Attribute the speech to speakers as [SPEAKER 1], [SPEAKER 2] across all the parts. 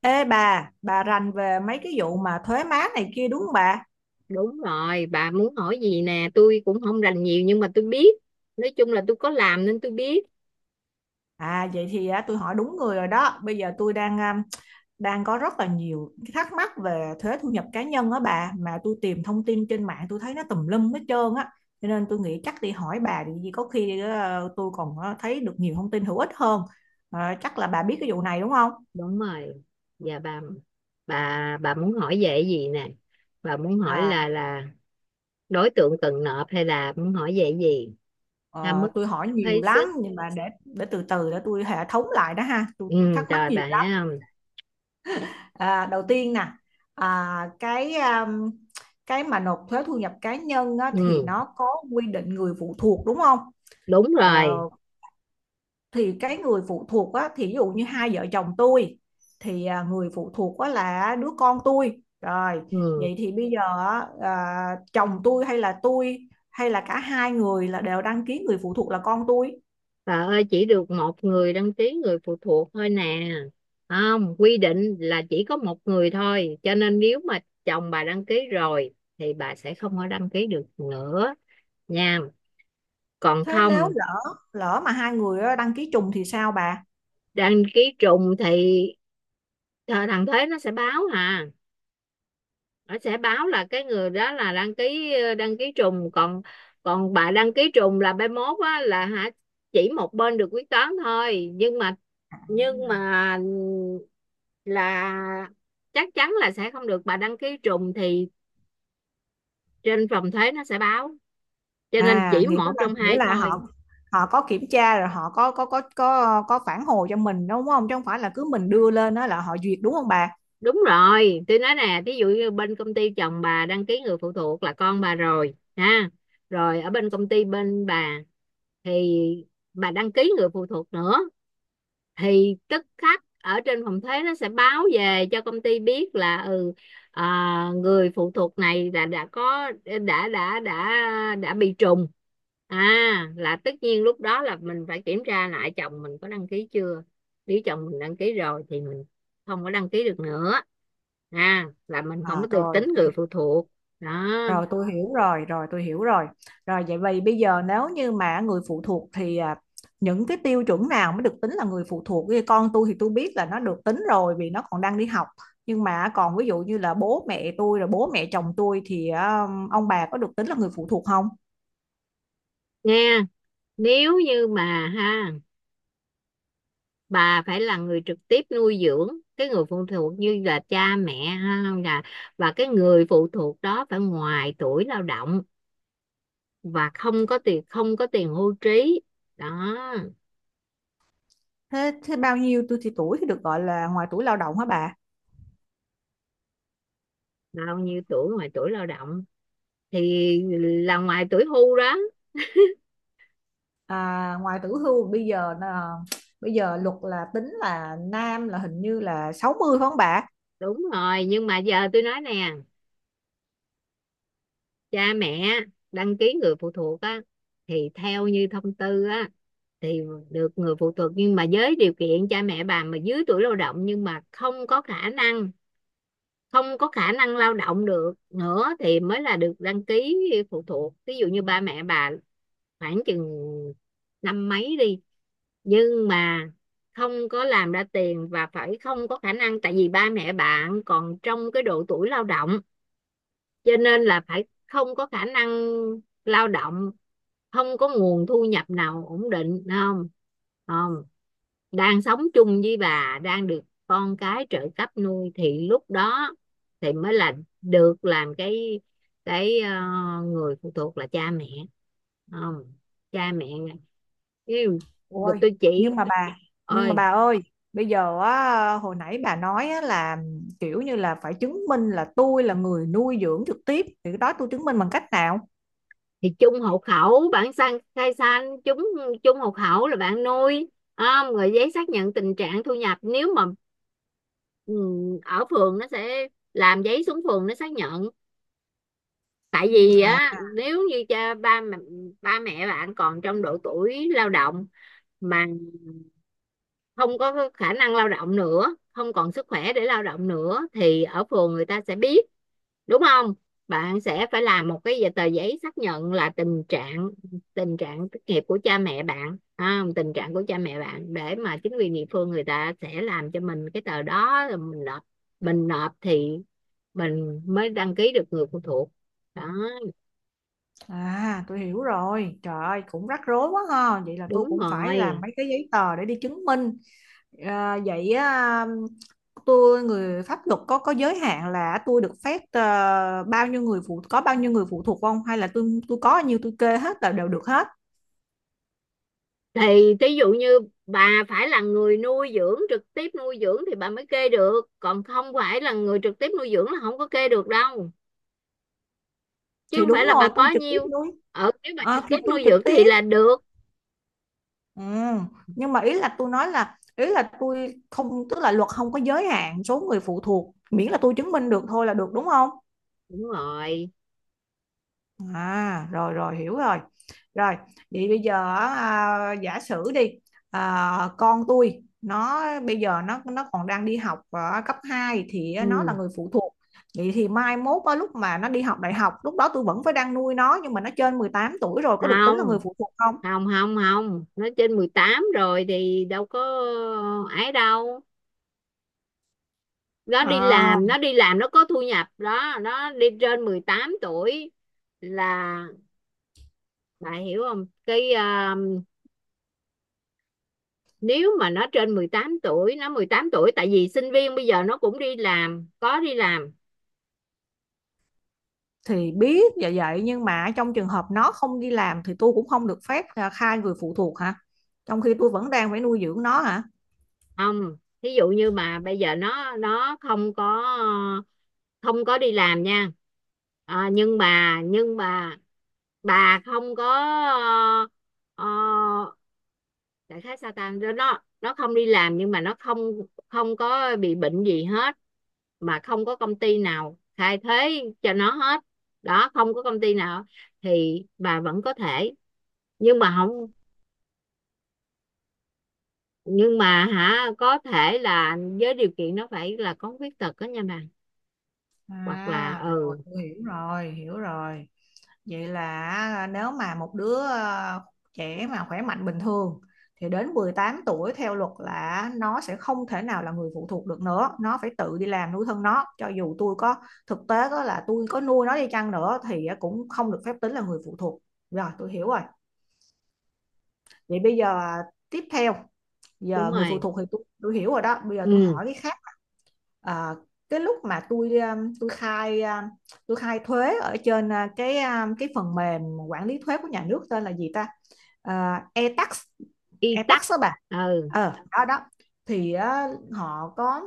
[SPEAKER 1] Ê bà rành về mấy cái vụ mà thuế má này kia đúng không bà?
[SPEAKER 2] Đúng rồi, bà muốn hỏi gì nè, tôi cũng không rành nhiều nhưng mà tôi biết. Nói chung là tôi có làm nên tôi biết.
[SPEAKER 1] À vậy thì tôi hỏi đúng người rồi đó. Bây giờ tôi đang đang có rất là nhiều cái thắc mắc về thuế thu nhập cá nhân á bà, mà tôi tìm thông tin trên mạng tôi thấy nó tùm lum hết trơn á. Cho nên tôi nghĩ chắc đi hỏi bà thì gì có khi tôi còn thấy được nhiều thông tin hữu ích hơn. À, chắc là bà biết cái vụ này đúng không?
[SPEAKER 2] Đúng rồi. Dạ bà bà muốn hỏi về cái gì nè? Bà muốn hỏi
[SPEAKER 1] À
[SPEAKER 2] là đối tượng cần nộp hay là muốn hỏi về cái gì? Tham
[SPEAKER 1] ờ,
[SPEAKER 2] mức
[SPEAKER 1] tôi hỏi nhiều
[SPEAKER 2] phí
[SPEAKER 1] lắm,
[SPEAKER 2] sức.
[SPEAKER 1] nhưng mà để từ từ để tôi hệ thống lại đó ha. Tôi
[SPEAKER 2] Ừ,
[SPEAKER 1] thắc mắc
[SPEAKER 2] trời
[SPEAKER 1] nhiều
[SPEAKER 2] bà thấy
[SPEAKER 1] lắm.
[SPEAKER 2] không?
[SPEAKER 1] À, đầu tiên nè, à, cái um, cái mà nộp thuế thu nhập cá nhân á, thì
[SPEAKER 2] Ừ,
[SPEAKER 1] nó có quy định người phụ thuộc đúng không?
[SPEAKER 2] đúng
[SPEAKER 1] Ờ,
[SPEAKER 2] rồi.
[SPEAKER 1] thì cái người phụ thuộc á, thì ví dụ như hai vợ chồng tôi thì người phụ thuộc á, là đứa con tôi rồi,
[SPEAKER 2] Ừ.
[SPEAKER 1] vậy thì bây giờ chồng tôi hay là tôi, hay là cả hai người là đều đăng ký người phụ thuộc là con tôi.
[SPEAKER 2] Bà ơi, chỉ được một người đăng ký người phụ thuộc thôi nè. Không, quy định là chỉ có một người thôi. Cho nên nếu mà chồng bà đăng ký rồi thì bà sẽ không có đăng ký được nữa nha. Còn
[SPEAKER 1] Thế nếu
[SPEAKER 2] không,
[SPEAKER 1] lỡ lỡ mà hai người á, đăng ký trùng thì sao bà?
[SPEAKER 2] đăng ký trùng thì thằng Thế nó sẽ báo à. Nó sẽ báo là cái người đó là đăng ký đăng ký trùng, còn còn bà đăng ký trùng là bên mốt á, là hả, chỉ một bên được quyết toán thôi. Nhưng mà nhưng mà là chắc chắn là sẽ không được, bà đăng ký trùng thì trên phòng thuế nó sẽ báo, cho nên
[SPEAKER 1] À,
[SPEAKER 2] chỉ
[SPEAKER 1] nghĩa
[SPEAKER 2] một
[SPEAKER 1] là
[SPEAKER 2] trong
[SPEAKER 1] nghĩa
[SPEAKER 2] hai
[SPEAKER 1] là họ,
[SPEAKER 2] thôi.
[SPEAKER 1] họ có kiểm tra rồi họ có phản hồi cho mình đúng không? Chứ không phải là cứ mình đưa lên đó là họ duyệt đúng không bà?
[SPEAKER 2] Đúng rồi, tôi nói nè, thí dụ như bên công ty chồng bà đăng ký người phụ thuộc là con bà rồi ha, rồi ở bên công ty bên bà thì bà đăng ký người phụ thuộc nữa, thì tức khắc ở trên phòng thuế nó sẽ báo về cho công ty biết là ừ, người phụ thuộc này là đã có, đã đã đã đã bị trùng. À, là tất nhiên lúc đó là mình phải kiểm tra lại chồng mình có đăng ký chưa, nếu chồng mình đăng ký rồi thì mình không có đăng ký được nữa, à là mình không có
[SPEAKER 1] À,
[SPEAKER 2] được tính người phụ thuộc đó.
[SPEAKER 1] rồi tôi hiểu rồi rồi tôi hiểu rồi rồi Vậy vì bây giờ nếu như mà người phụ thuộc, thì những cái tiêu chuẩn nào mới được tính là người phụ thuộc? Ví con tôi thì tôi biết là nó được tính rồi vì nó còn đang đi học, nhưng mà còn ví dụ như là bố mẹ tôi rồi bố mẹ chồng tôi thì ông bà có được tính là người phụ thuộc không?
[SPEAKER 2] Nghe, nếu như mà ha, bà phải là người trực tiếp nuôi dưỡng cái người phụ thuộc, như là cha mẹ ha, là và cái người phụ thuộc đó phải ngoài tuổi lao động và không có tiền, không có tiền hưu trí đó.
[SPEAKER 1] Thế, bao nhiêu tuổi thì được gọi là ngoài tuổi lao động hả bà?
[SPEAKER 2] Bao nhiêu tuổi ngoài tuổi lao động thì là ngoài tuổi hưu đó.
[SPEAKER 1] À, ngoài tuổi hưu bây giờ là bây giờ luật là tính là nam là hình như là 60 phải không bà?
[SPEAKER 2] Đúng rồi, nhưng mà giờ tôi nói nè, cha mẹ đăng ký người phụ thuộc á, thì theo như thông tư á, thì được người phụ thuộc, nhưng mà với điều kiện cha mẹ bà mà dưới tuổi lao động nhưng mà không có khả năng, không có khả năng lao động được nữa thì mới là được đăng ký phụ thuộc. Ví dụ như ba mẹ bà khoảng chừng năm mấy đi, nhưng mà không có làm ra tiền và phải không có khả năng, tại vì ba mẹ bạn còn trong cái độ tuổi lao động, cho nên là phải không có khả năng lao động, không có nguồn thu nhập nào ổn định, không không đang sống chung với bà, đang được con cái trợ cấp nuôi, thì lúc đó thì mới là được làm cái cái ờ, người phụ thuộc là cha mẹ. Không, cha mẹ yêu
[SPEAKER 1] Ôi,
[SPEAKER 2] tôi chỉ
[SPEAKER 1] nhưng mà bà nhưng mà
[SPEAKER 2] ơi
[SPEAKER 1] bà ơi, bây giờ á, hồi nãy bà nói á, là kiểu như là phải chứng minh là tôi là người nuôi dưỡng trực tiếp, thì cái đó tôi chứng minh bằng cách nào?
[SPEAKER 2] thì chung hộ khẩu bạn sang khai san chúng, chung hộ khẩu là bạn nuôi, không rồi giấy xác nhận tình trạng thu nhập, nếu mà ừ, ở phường nó sẽ làm giấy, xuống phường nó xác nhận. Tại vì
[SPEAKER 1] À,
[SPEAKER 2] á, nếu như cha ba ba mẹ bạn còn trong độ tuổi lao động mà không có khả năng lao động nữa, không còn sức khỏe để lao động nữa, thì ở phường người ta sẽ biết, đúng không. Bạn sẽ phải làm một cái tờ giấy xác nhận là tình trạng thất nghiệp của cha mẹ bạn, tình trạng của cha mẹ bạn, để mà chính quyền địa phương người ta sẽ làm cho mình cái tờ đó rồi mình nộp, thì mình mới đăng ký được người phụ thuộc đó.
[SPEAKER 1] à, tôi hiểu rồi. Trời ơi cũng rắc rối quá ha. Vậy là tôi
[SPEAKER 2] Đúng
[SPEAKER 1] cũng phải làm
[SPEAKER 2] rồi,
[SPEAKER 1] mấy cái giấy tờ để đi chứng minh. À, vậy tôi người pháp luật có giới hạn là tôi được phép ờ, bao nhiêu người phụ có bao nhiêu người phụ thuộc không, hay là tôi có bao nhiêu tôi kê hết là đều được hết?
[SPEAKER 2] thì thí dụ như bà phải là người nuôi dưỡng, trực tiếp nuôi dưỡng thì bà mới kê được, còn không phải là người trực tiếp nuôi dưỡng là không có kê được đâu, chứ
[SPEAKER 1] Thì
[SPEAKER 2] không
[SPEAKER 1] đúng
[SPEAKER 2] phải là
[SPEAKER 1] rồi,
[SPEAKER 2] bà
[SPEAKER 1] tôi
[SPEAKER 2] có
[SPEAKER 1] trực tiếp
[SPEAKER 2] nhiêu.
[SPEAKER 1] nuôi.
[SPEAKER 2] Ở nếu bà
[SPEAKER 1] Ờ,
[SPEAKER 2] trực
[SPEAKER 1] thì
[SPEAKER 2] tiếp
[SPEAKER 1] tôi
[SPEAKER 2] nuôi
[SPEAKER 1] trực
[SPEAKER 2] dưỡng thì
[SPEAKER 1] tiếp,
[SPEAKER 2] là được.
[SPEAKER 1] ừ, nhưng mà ý là tôi nói là ý là tôi không tức là luật không có giới hạn số người phụ thuộc, miễn là tôi chứng minh được thôi là được đúng không?
[SPEAKER 2] Đúng rồi.
[SPEAKER 1] À, rồi rồi hiểu rồi. Rồi, vậy bây giờ giả sử đi, con tôi nó bây giờ nó còn đang đi học ở cấp hai, thì nó là
[SPEAKER 2] Ừ.
[SPEAKER 1] người phụ thuộc. Vậy thì mai mốt á, lúc mà nó đi học đại học, lúc đó tôi vẫn phải đang nuôi nó, nhưng mà nó trên 18 tuổi rồi có được tính là
[SPEAKER 2] Không,
[SPEAKER 1] người phụ thuộc không?
[SPEAKER 2] không, không, không nó trên 18 rồi thì đâu có ấy đâu, nó đi
[SPEAKER 1] À,
[SPEAKER 2] làm, nó có thu nhập đó, nó đi trên 18 tuổi là bà hiểu không. Nếu mà nó trên 18 tuổi, nó 18 tuổi, tại vì sinh viên bây giờ nó cũng đi làm, có đi làm.
[SPEAKER 1] thì biết vậy, vậy nhưng mà trong trường hợp nó không đi làm, thì tôi cũng không được phép khai người phụ thuộc hả? Trong khi tôi vẫn đang phải nuôi dưỡng nó hả?
[SPEAKER 2] Không, thí dụ như mà bây giờ nó không có, không có đi làm nha, nhưng mà bà không có ờ, đại khái sao ta, nó không đi làm, nhưng mà nó không, không có bị bệnh gì hết, mà không có công ty nào thay thế cho nó hết đó, không có công ty nào thì bà vẫn có thể, nhưng mà không, nhưng mà hả, có thể là với điều kiện nó phải là có khuyết tật đó nha bà, hoặc là
[SPEAKER 1] À rồi,
[SPEAKER 2] ừ.
[SPEAKER 1] tôi hiểu rồi. Vậy là nếu mà một đứa trẻ mà khỏe mạnh bình thường, thì đến 18 tuổi theo luật là nó sẽ không thể nào là người phụ thuộc được nữa, nó phải tự đi làm nuôi thân nó, cho dù tôi có thực tế có là tôi có nuôi nó đi chăng nữa thì cũng không được phép tính là người phụ thuộc. Rồi tôi hiểu rồi. Vậy bây giờ tiếp theo,
[SPEAKER 2] Đúng
[SPEAKER 1] giờ người phụ
[SPEAKER 2] rồi.
[SPEAKER 1] thuộc thì tôi hiểu rồi đó, bây giờ tôi
[SPEAKER 2] Ừ.
[SPEAKER 1] hỏi cái khác. Ờ, cái lúc mà tôi khai thuế ở trên cái phần mềm quản lý thuế của nhà nước tên là gì ta, e-tax.
[SPEAKER 2] Y tắc.
[SPEAKER 1] E-tax đó bà.
[SPEAKER 2] Ừ.
[SPEAKER 1] Ờ đó đó, thì á, họ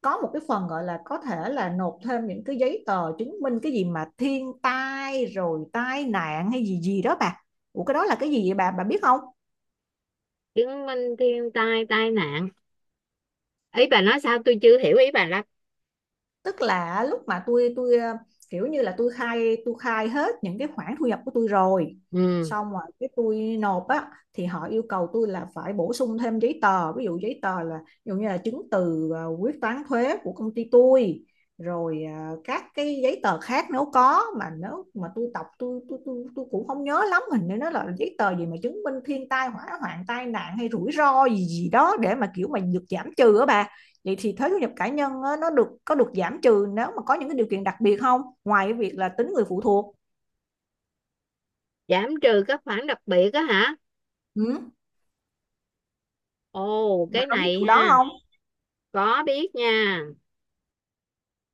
[SPEAKER 1] có một cái phần gọi là có thể là nộp thêm những cái giấy tờ chứng minh cái gì mà thiên tai rồi tai nạn hay gì gì đó bà. Ủa cái đó là cái gì vậy bà biết không?
[SPEAKER 2] Chứng minh thiên tai tai nạn, ý bà nói sao tôi chưa hiểu ý bà lắm.
[SPEAKER 1] Tức là lúc mà tôi ờ, kiểu như là tôi khai hết những cái khoản thu nhập của tôi rồi,
[SPEAKER 2] Ừ.
[SPEAKER 1] xong rồi cái tôi nộp á, thì họ yêu cầu tôi là phải bổ sung thêm giấy tờ, ví dụ giấy tờ là ví dụ như là chứng từ quyết toán thuế của công ty tôi, rồi ờ, các cái giấy tờ khác nếu có, mà nếu mà tôi đọc tôi cũng không nhớ lắm, hình như nó là giấy tờ gì mà chứng minh thiên tai hỏa hoạn tai nạn hay rủi ro gì gì đó để mà kiểu mà được giảm trừ á bà. Vậy thì thuế thu nhập cá nhân nó được có được giảm trừ nếu mà có những cái điều kiện đặc biệt không? Ngoài cái việc là tính người phụ thuộc.
[SPEAKER 2] Giảm trừ các khoản đặc biệt á hả.
[SPEAKER 1] Ừ.
[SPEAKER 2] Ồ,
[SPEAKER 1] Bà
[SPEAKER 2] cái
[SPEAKER 1] có biết
[SPEAKER 2] này
[SPEAKER 1] vụ đó
[SPEAKER 2] ha,
[SPEAKER 1] không?
[SPEAKER 2] có biết nha.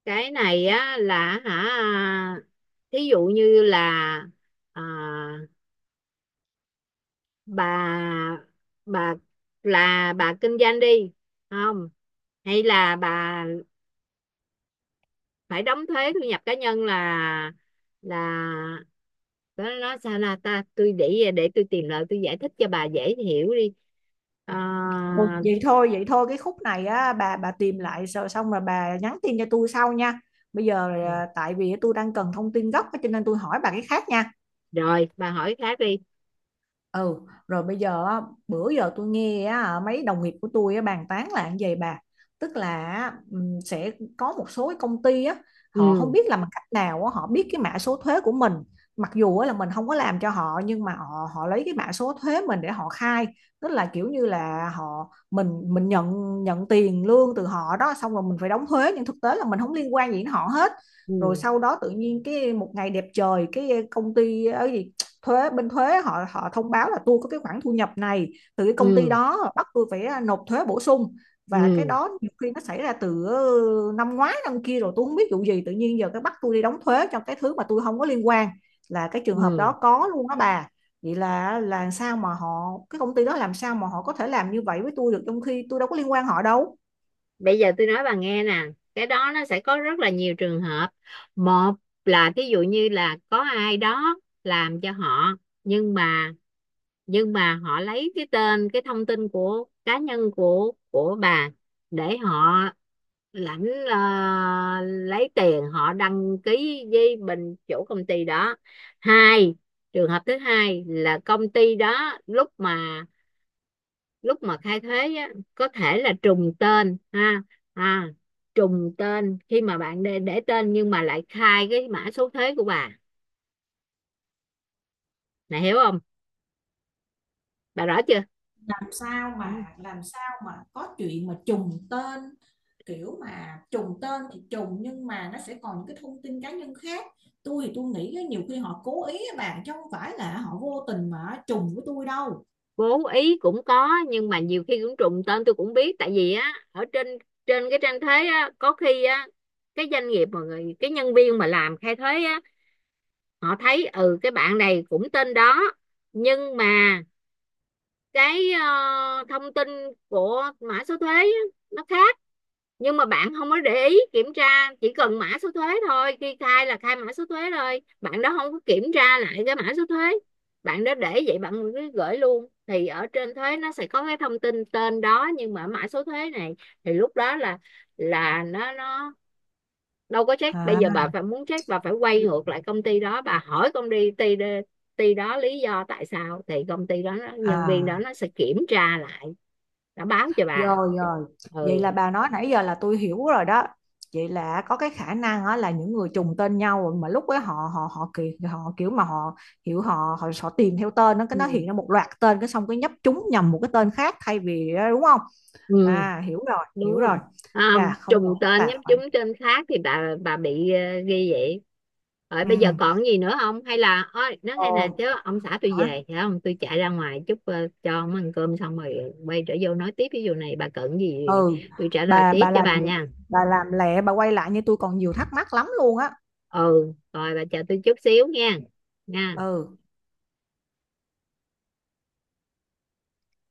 [SPEAKER 2] Cái này á là hả, thí dụ như là à, bà bà là bà kinh doanh đi, không, hay là bà phải đóng thuế thu nhập cá nhân là là nó sao là ta, tôi để tôi tìm lại tôi giải thích cho bà dễ hiểu đi. Ờ,
[SPEAKER 1] Ừ. Vậy thôi cái khúc này á, bà tìm lại rồi xong rồi bà nhắn tin cho tôi sau nha. Bây giờ tại vì tôi đang cần thông tin gốc cho nên tôi hỏi bà cái khác nha.
[SPEAKER 2] rồi bà hỏi khác đi.
[SPEAKER 1] Ừ, rồi bây giờ á, bữa giờ tôi nghe á, mấy đồng nghiệp của tôi á, bàn tán là như vậy bà, tức là sẽ có một số cái công ty á, họ không
[SPEAKER 2] Ừ.
[SPEAKER 1] biết làm bằng cách nào á, họ biết cái mã số thuế của mình, mặc dù á, là mình không có làm cho họ, nhưng mà họ họ lấy cái mã số thuế mình để họ khai, tức là kiểu như là họ mình nhận nhận tiền lương từ họ đó, xong rồi mình phải đóng thuế, nhưng thực tế là mình không liên quan gì đến họ hết. Rồi
[SPEAKER 2] Ừ.
[SPEAKER 1] sau đó tự nhiên cái một ngày đẹp trời cái công ty ấy, thuế bên thuế họ họ thông báo là tôi có cái khoản thu nhập này từ cái công ty
[SPEAKER 2] Ừ.
[SPEAKER 1] đó, bắt tôi phải nộp thuế bổ sung, và cái
[SPEAKER 2] Ừ.
[SPEAKER 1] đó nhiều khi nó xảy ra từ năm ngoái năm kia rồi, tôi không biết vụ gì tự nhiên giờ cái bắt tôi đi đóng thuế cho cái thứ mà tôi không có liên quan. Là cái trường hợp
[SPEAKER 2] Ừ.
[SPEAKER 1] đó có luôn đó bà. Vậy là sao mà họ cái công ty đó làm sao mà họ có thể làm như vậy với tôi được, trong khi tôi đâu có liên quan họ đâu?
[SPEAKER 2] Bây giờ tôi nói bà nghe nè, cái đó nó sẽ có rất là nhiều trường hợp. Một là thí dụ như là có ai đó làm cho họ, nhưng mà họ lấy cái tên, cái thông tin của cá nhân của bà để họ lãnh, ờ, lấy tiền, họ đăng ký với bên chủ công ty đó. Hai, trường hợp thứ hai là công ty đó lúc mà khai thuế á, có thể là trùng tên ha. À, trùng tên khi mà bạn để tên nhưng mà lại khai cái mã số thuế của bà này, hiểu không, bà rõ chưa. Ừ.
[SPEAKER 1] Làm sao mà có chuyện mà trùng tên? Kiểu mà trùng tên thì trùng, nhưng mà nó sẽ còn những cái thông tin cá nhân khác. Tôi thì tôi nghĩ nhiều khi họ cố ý á bạn, chứ không phải là họ vô tình mà trùng với tôi đâu.
[SPEAKER 2] Cố ý cũng có, nhưng mà nhiều khi cũng trùng tên tôi cũng biết, tại vì á ở trên trên cái trang thuế á, có khi á cái doanh nghiệp mà người, cái nhân viên mà làm khai thuế á, họ thấy ừ cái bạn này cũng tên đó, nhưng mà cái thông tin của mã số thuế á, nó khác, nhưng mà bạn không có để ý kiểm tra, chỉ cần mã số thuế thôi, khi khai là khai mã số thuế rồi, bạn đó không có kiểm tra lại cái mã số thuế, bạn đó để vậy bạn cứ gửi luôn, thì ở trên thuế nó sẽ có cái thông tin tên đó nhưng mà mã số thuế này, thì lúc đó là nó đâu có check. Bây giờ
[SPEAKER 1] À,
[SPEAKER 2] bà phải muốn check bà phải quay ngược lại công ty đó, bà hỏi công ty ty đó lý do tại sao, thì công ty đó nhân viên đó
[SPEAKER 1] à.
[SPEAKER 2] nó sẽ kiểm tra lại, nó báo cho bà.
[SPEAKER 1] Rồi rồi, vậy là
[SPEAKER 2] Ừ.
[SPEAKER 1] bà nói nãy giờ là tôi hiểu rồi đó. Vậy là có cái khả năng á, là những người trùng tên nhau, mà lúc ấy họ họ họ kiểu mà họ hiểu họ họ, họ tìm theo tên, nó cái
[SPEAKER 2] ừ,
[SPEAKER 1] nó hiện ra một loạt tên cái xong cái nhấp trúng nhầm một cái tên khác thay vì đúng không?
[SPEAKER 2] ừ.
[SPEAKER 1] À hiểu rồi,
[SPEAKER 2] Đúng
[SPEAKER 1] hiểu rồi.
[SPEAKER 2] rồi. À,
[SPEAKER 1] Chà không ngờ
[SPEAKER 2] trùng
[SPEAKER 1] phức
[SPEAKER 2] tên,
[SPEAKER 1] tạp
[SPEAKER 2] nhắm
[SPEAKER 1] vậy.
[SPEAKER 2] trúng tên khác thì bà bị ghi vậy. Rồi
[SPEAKER 1] Ừ.
[SPEAKER 2] bây giờ còn gì nữa không, hay là ôi nói
[SPEAKER 1] Ồ,
[SPEAKER 2] nghe nè, chứ ông xã tôi
[SPEAKER 1] hả?
[SPEAKER 2] về phải không, tôi chạy ra ngoài chút, cho ông ăn cơm xong rồi quay trở vô nói tiếp, ví dụ này bà cần gì
[SPEAKER 1] Ừ.
[SPEAKER 2] tôi trả lời
[SPEAKER 1] Bà
[SPEAKER 2] tiếp
[SPEAKER 1] bà
[SPEAKER 2] cho
[SPEAKER 1] làm
[SPEAKER 2] bà nha.
[SPEAKER 1] bà làm lẹ bà quay lại như tôi còn nhiều thắc mắc lắm luôn á.
[SPEAKER 2] Ừ rồi bà chờ tôi chút xíu nha, nha.
[SPEAKER 1] Ừ.